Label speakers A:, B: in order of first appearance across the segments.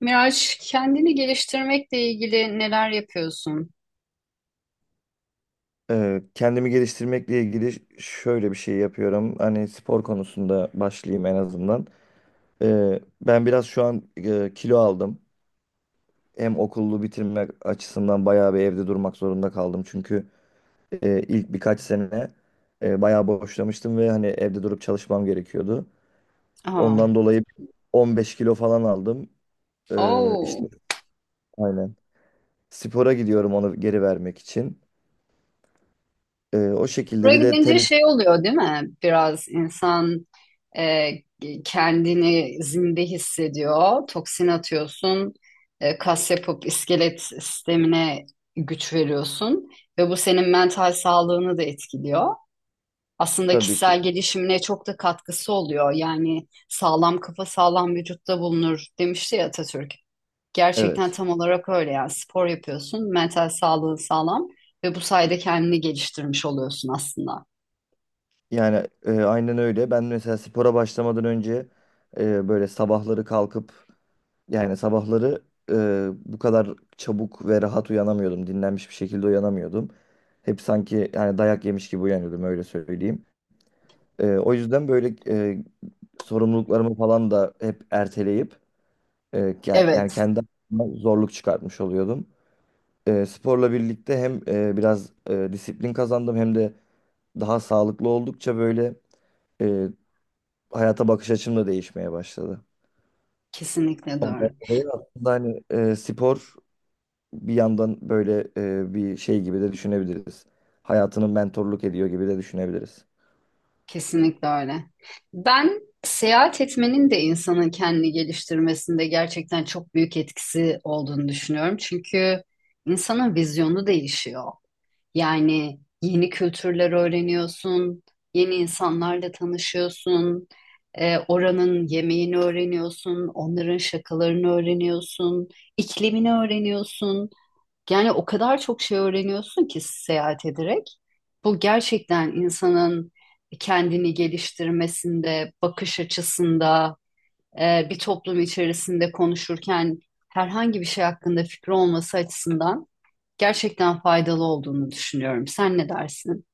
A: Miraç, kendini geliştirmekle ilgili neler yapıyorsun?
B: Kendimi geliştirmekle ilgili şöyle bir şey yapıyorum. Hani spor konusunda başlayayım en azından. Ben biraz şu an kilo aldım. Hem okulu bitirmek açısından bayağı bir evde durmak zorunda kaldım. Çünkü ilk birkaç sene bayağı boşlamıştım ve hani evde durup çalışmam gerekiyordu.
A: Aa,
B: Ondan dolayı 15 kilo falan aldım.
A: oo.
B: İşte aynen. Spora gidiyorum onu geri vermek için. O şekilde
A: Buraya
B: bir de
A: gidince
B: tenis
A: şey oluyor değil mi? Biraz insan e, kendini zinde hissediyor. Toksin atıyorsun. Kas yapıp iskelet sistemine güç veriyorsun. Ve bu senin mental sağlığını da etkiliyor. Aslında
B: tabii ki.
A: kişisel gelişimine çok da katkısı oluyor. Yani sağlam kafa sağlam vücutta bulunur demişti ya Atatürk. Gerçekten
B: Evet.
A: tam olarak öyle, yani spor yapıyorsun, mental sağlığın sağlam ve bu sayede kendini geliştirmiş oluyorsun aslında.
B: Yani aynen öyle. Ben mesela spora başlamadan önce böyle sabahları kalkıp yani sabahları bu kadar çabuk ve rahat uyanamıyordum. Dinlenmiş bir şekilde uyanamıyordum. Hep sanki yani dayak yemiş gibi uyanıyordum öyle söyleyeyim. O yüzden böyle e, sorumluluklarımı falan da hep erteleyip e, yani
A: Evet,
B: kendi adıma zorluk çıkartmış oluyordum. Sporla birlikte hem biraz disiplin kazandım hem de daha sağlıklı oldukça böyle hayata bakış açım da değişmeye başladı.
A: kesinlikle doğru.
B: Ondan dolayı aslında hani spor bir yandan böyle bir şey gibi de düşünebiliriz. Hayatını mentorluk ediyor gibi de düşünebiliriz.
A: Kesinlikle öyle. Ben seyahat etmenin de insanın kendini geliştirmesinde gerçekten çok büyük etkisi olduğunu düşünüyorum. Çünkü insanın vizyonu değişiyor. Yani yeni kültürler öğreniyorsun, yeni insanlarla tanışıyorsun, oranın yemeğini öğreniyorsun, onların şakalarını öğreniyorsun, iklimini öğreniyorsun. Yani o kadar çok şey öğreniyorsun ki seyahat ederek. Bu gerçekten insanın kendini geliştirmesinde, bakış açısında, bir toplum içerisinde konuşurken herhangi bir şey hakkında fikri olması açısından gerçekten faydalı olduğunu düşünüyorum. Sen ne dersin?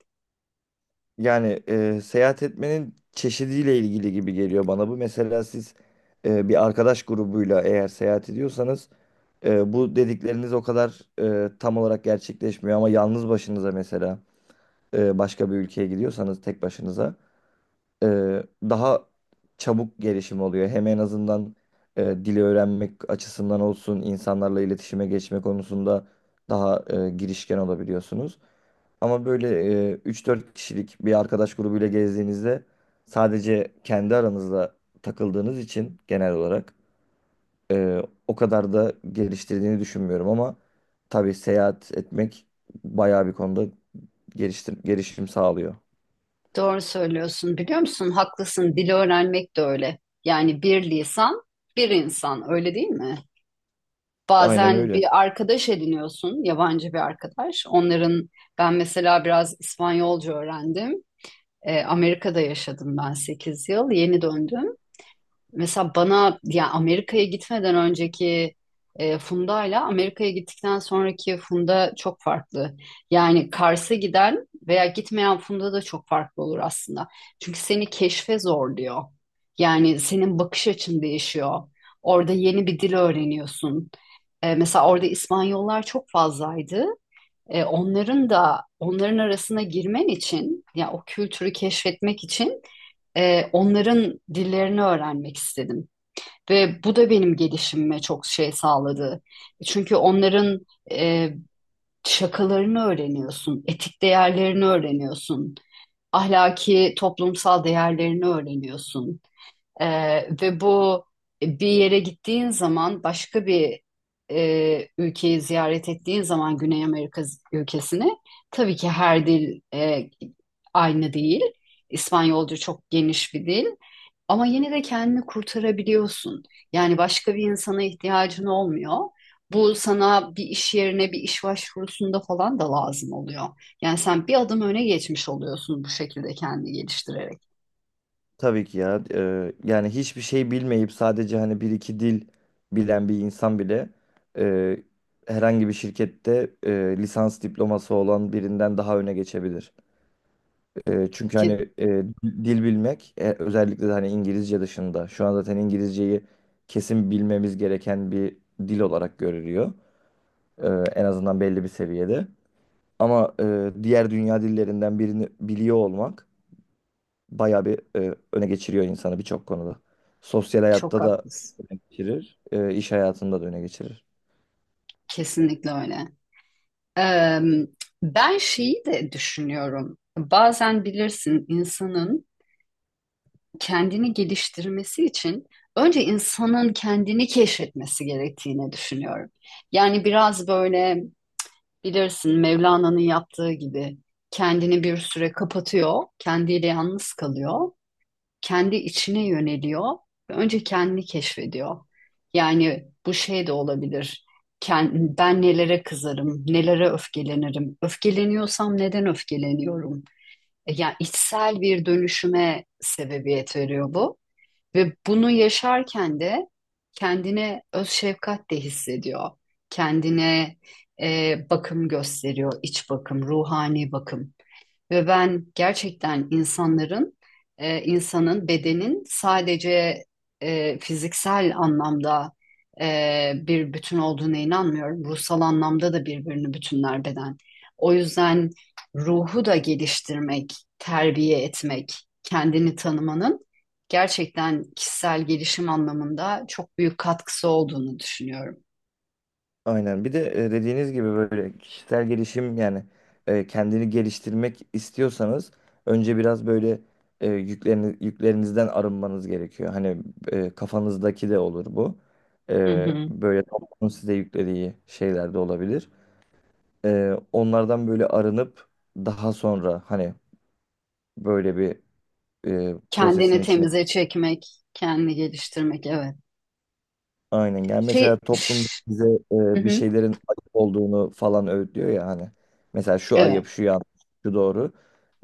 B: Yani seyahat etmenin çeşidiyle ilgili gibi geliyor bana bu. Mesela siz bir arkadaş grubuyla eğer seyahat ediyorsanız bu dedikleriniz o kadar tam olarak gerçekleşmiyor ama yalnız başınıza mesela başka bir ülkeye gidiyorsanız tek başınıza e, daha çabuk gelişim oluyor. Hem en azından dili öğrenmek açısından olsun, insanlarla iletişime geçme konusunda daha girişken olabiliyorsunuz. Ama böyle 3-4 kişilik bir arkadaş grubuyla gezdiğinizde sadece kendi aranızda takıldığınız için genel olarak e, o kadar da geliştirdiğini düşünmüyorum ama tabii seyahat etmek bayağı bir konuda gelişim sağlıyor.
A: Doğru söylüyorsun. Biliyor musun? Haklısın. Dili öğrenmek de öyle. Yani bir lisan, bir insan. Öyle değil mi?
B: Aynen
A: Bazen
B: öyle.
A: bir arkadaş ediniyorsun, yabancı bir arkadaş. Ben mesela biraz İspanyolca öğrendim. Amerika'da yaşadım ben 8 yıl. Yeni döndüm. Mesela bana ya Amerika'ya gitmeden önceki Funda ile Amerika'ya gittikten sonraki Funda çok farklı. Yani Kars'a giden veya gitmeyen Funda da çok farklı olur aslında. Çünkü seni keşfe zorluyor. Yani senin bakış açın değişiyor. Orada yeni bir dil öğreniyorsun. Mesela orada İspanyollar çok fazlaydı. Onların da onların arasına girmen için, ya o kültürü keşfetmek için onların dillerini öğrenmek istedim. Ve bu da benim gelişimime çok şey sağladı. Çünkü onların e, şakalarını öğreniyorsun, etik değerlerini öğreniyorsun, ahlaki toplumsal değerlerini öğreniyorsun. E, ve bu bir yere gittiğin zaman, başka bir ülkeyi ziyaret ettiğin zaman, Güney Amerika ülkesini, tabii ki her dil aynı değil. İspanyolca çok geniş bir dil. Ama yine de kendini kurtarabiliyorsun. Yani başka bir insana ihtiyacın olmuyor. Bu sana bir iş yerine, bir iş başvurusunda falan da lazım oluyor. Yani sen bir adım öne geçmiş oluyorsun bu şekilde kendini geliştirerek.
B: Tabii ki ya. Yani hiçbir şey bilmeyip sadece hani bir iki dil bilen bir insan bile eee, herhangi bir şirkette lisans diploması olan birinden daha öne geçebilir. Çünkü
A: Ki
B: hani dil bilmek özellikle de hani İngilizce dışında şu an zaten İngilizceyi kesin bilmemiz gereken bir dil olarak görülüyor. En azından belli bir seviyede. Ama diğer dünya dillerinden birini biliyor olmak bayağı bir öne geçiriyor insanı birçok konuda. Sosyal
A: çok
B: hayatta da
A: haklısın.
B: geçirir, iş hayatında da öne geçirir.
A: Kesinlikle öyle. Ee, ben şeyi de düşünüyorum. Bazen bilirsin, insanın kendini geliştirmesi için önce insanın kendini keşfetmesi gerektiğini düşünüyorum. Yani biraz böyle, bilirsin, Mevlana'nın yaptığı gibi kendini bir süre kapatıyor, kendiyle yalnız kalıyor, kendi içine yöneliyor ve önce kendini keşfediyor. Yani bu şey de olabilir. Ben nelere kızarım, nelere öfkelenirim, öfkeleniyorsam neden öfkeleniyorum? Yani içsel bir dönüşüme sebebiyet veriyor bu. Ve bunu yaşarken de kendine öz şefkat de hissediyor. Kendine bakım gösteriyor, iç bakım, ruhani bakım. Ve ben gerçekten insanın bedenin sadece fiziksel anlamda bir bütün olduğuna inanmıyorum. Ruhsal anlamda da birbirini bütünler beden. O yüzden ruhu da geliştirmek, terbiye etmek, kendini tanımanın gerçekten kişisel gelişim anlamında çok büyük katkısı olduğunu düşünüyorum.
B: Aynen. Bir de dediğiniz gibi böyle kişisel gelişim yani kendini geliştirmek istiyorsanız önce biraz böyle yüklerinizden arınmanız gerekiyor. Hani kafanızdaki de olur bu.
A: Hı hı.
B: Böyle toplumun size yüklediği şeyler de olabilir. Onlardan böyle arınıp daha sonra hani böyle bir
A: Kendini
B: prosesin içine
A: temize çekmek, kendini geliştirmek, evet.
B: aynen gel. Mesela
A: Şey,
B: toplum
A: üf.
B: bize
A: Hı
B: bir
A: hı.
B: şeylerin ayıp olduğunu falan öğütlüyor ya hani. Mesela şu
A: Evet,
B: ayıp, şu yanlış, şu doğru.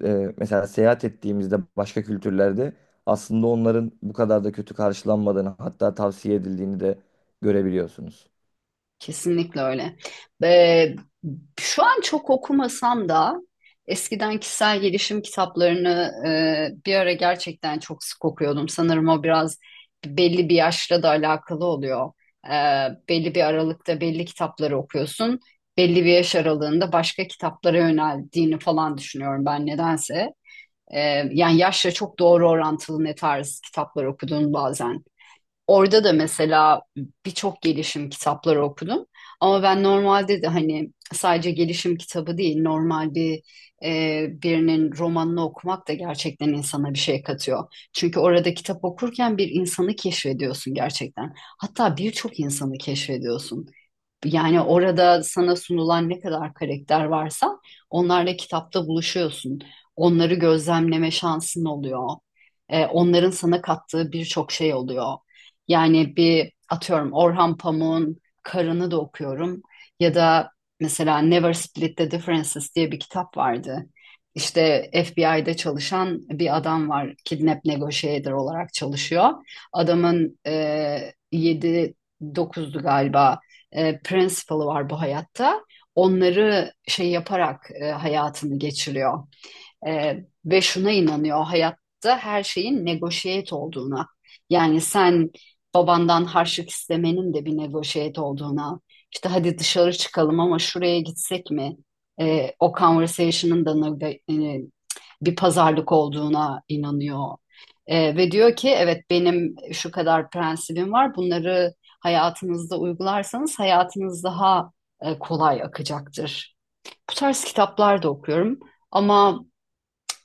B: Mesela seyahat ettiğimizde başka kültürlerde aslında onların bu kadar da kötü karşılanmadığını hatta tavsiye edildiğini de görebiliyorsunuz.
A: kesinlikle öyle. Ve şu an çok okumasam da eskiden kişisel gelişim kitaplarını bir ara gerçekten çok sık okuyordum. Sanırım o biraz belli bir yaşla da alakalı oluyor. E, belli bir aralıkta belli kitapları okuyorsun. Belli bir yaş aralığında başka kitaplara yöneldiğini falan düşünüyorum ben nedense. E, yani yaşla çok doğru orantılı ne tarz kitaplar okuduğunu bazen. Orada da mesela birçok gelişim kitapları okudum. Ama ben normalde de hani sadece gelişim kitabı değil, normal bir birinin romanını okumak da gerçekten insana bir şey katıyor. Çünkü orada kitap okurken bir insanı keşfediyorsun gerçekten. Hatta birçok insanı keşfediyorsun. Yani orada sana sunulan ne kadar karakter varsa onlarla kitapta buluşuyorsun. Onları gözlemleme şansın oluyor. Onların sana kattığı birçok şey oluyor. Yani bir atıyorum, Orhan Pamuk'un Karın'ı da okuyorum. Ya da mesela Never Split the Differences diye bir kitap vardı. İşte FBI'de çalışan bir adam var. Kidnap negotiator olarak çalışıyor. Adamın 7-9'du galiba principle var bu hayatta. Onları şey yaparak hayatını geçiriyor. Ve şuna inanıyor, hayatta her şeyin negotiate olduğuna. Yani sen babandan harçlık istemenin de bir negotiate olduğuna. İşte hadi dışarı çıkalım ama şuraya gitsek mi? O conversation'ın da e, bir pazarlık olduğuna inanıyor. Ve diyor ki evet, benim şu kadar prensibim var. Bunları hayatınızda uygularsanız hayatınız daha kolay akacaktır. Bu tarz kitaplar da okuyorum ama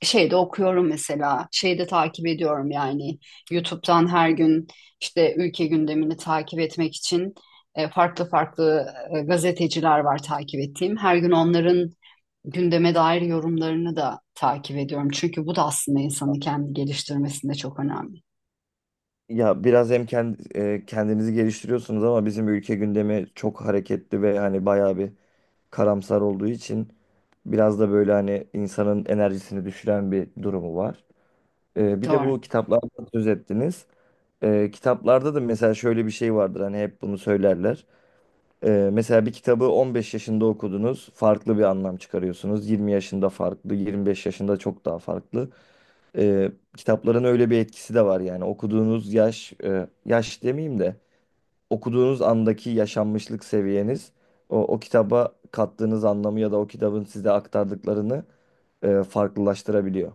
A: şeyde okuyorum mesela, şeyde takip ediyorum, yani YouTube'dan her gün işte ülke gündemini takip etmek için farklı farklı gazeteciler var takip ettiğim. Her gün onların gündeme dair yorumlarını da takip ediyorum. Çünkü bu da aslında insanı kendi geliştirmesinde çok önemli.
B: Ya biraz hem kendinizi geliştiriyorsunuz ama bizim ülke gündemi çok hareketli ve hani bayağı bir karamsar olduğu için biraz da böyle hani insanın enerjisini düşüren bir durumu var. Bir de
A: Doğru.
B: bu kitaplardan söz ettiniz. Kitaplarda da mesela şöyle bir şey vardır hani hep bunu söylerler. Mesela bir kitabı 15 yaşında okudunuz, farklı bir anlam çıkarıyorsunuz. 20 yaşında farklı, 25 yaşında çok daha farklı. Kitapların öyle bir etkisi de var yani okuduğunuz yaş, yaş demeyeyim de okuduğunuz andaki yaşanmışlık seviyeniz o kitaba kattığınız anlamı ya da o kitabın size aktardıklarını farklılaştırabiliyor.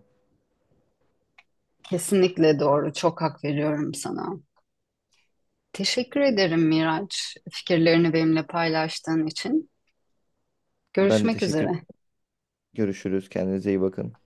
A: Kesinlikle doğru. Çok hak veriyorum sana. Teşekkür ederim Miraç, fikirlerini benimle paylaştığın için.
B: Ben de
A: Görüşmek
B: teşekkür
A: üzere.
B: ederim. Görüşürüz. Kendinize iyi bakın.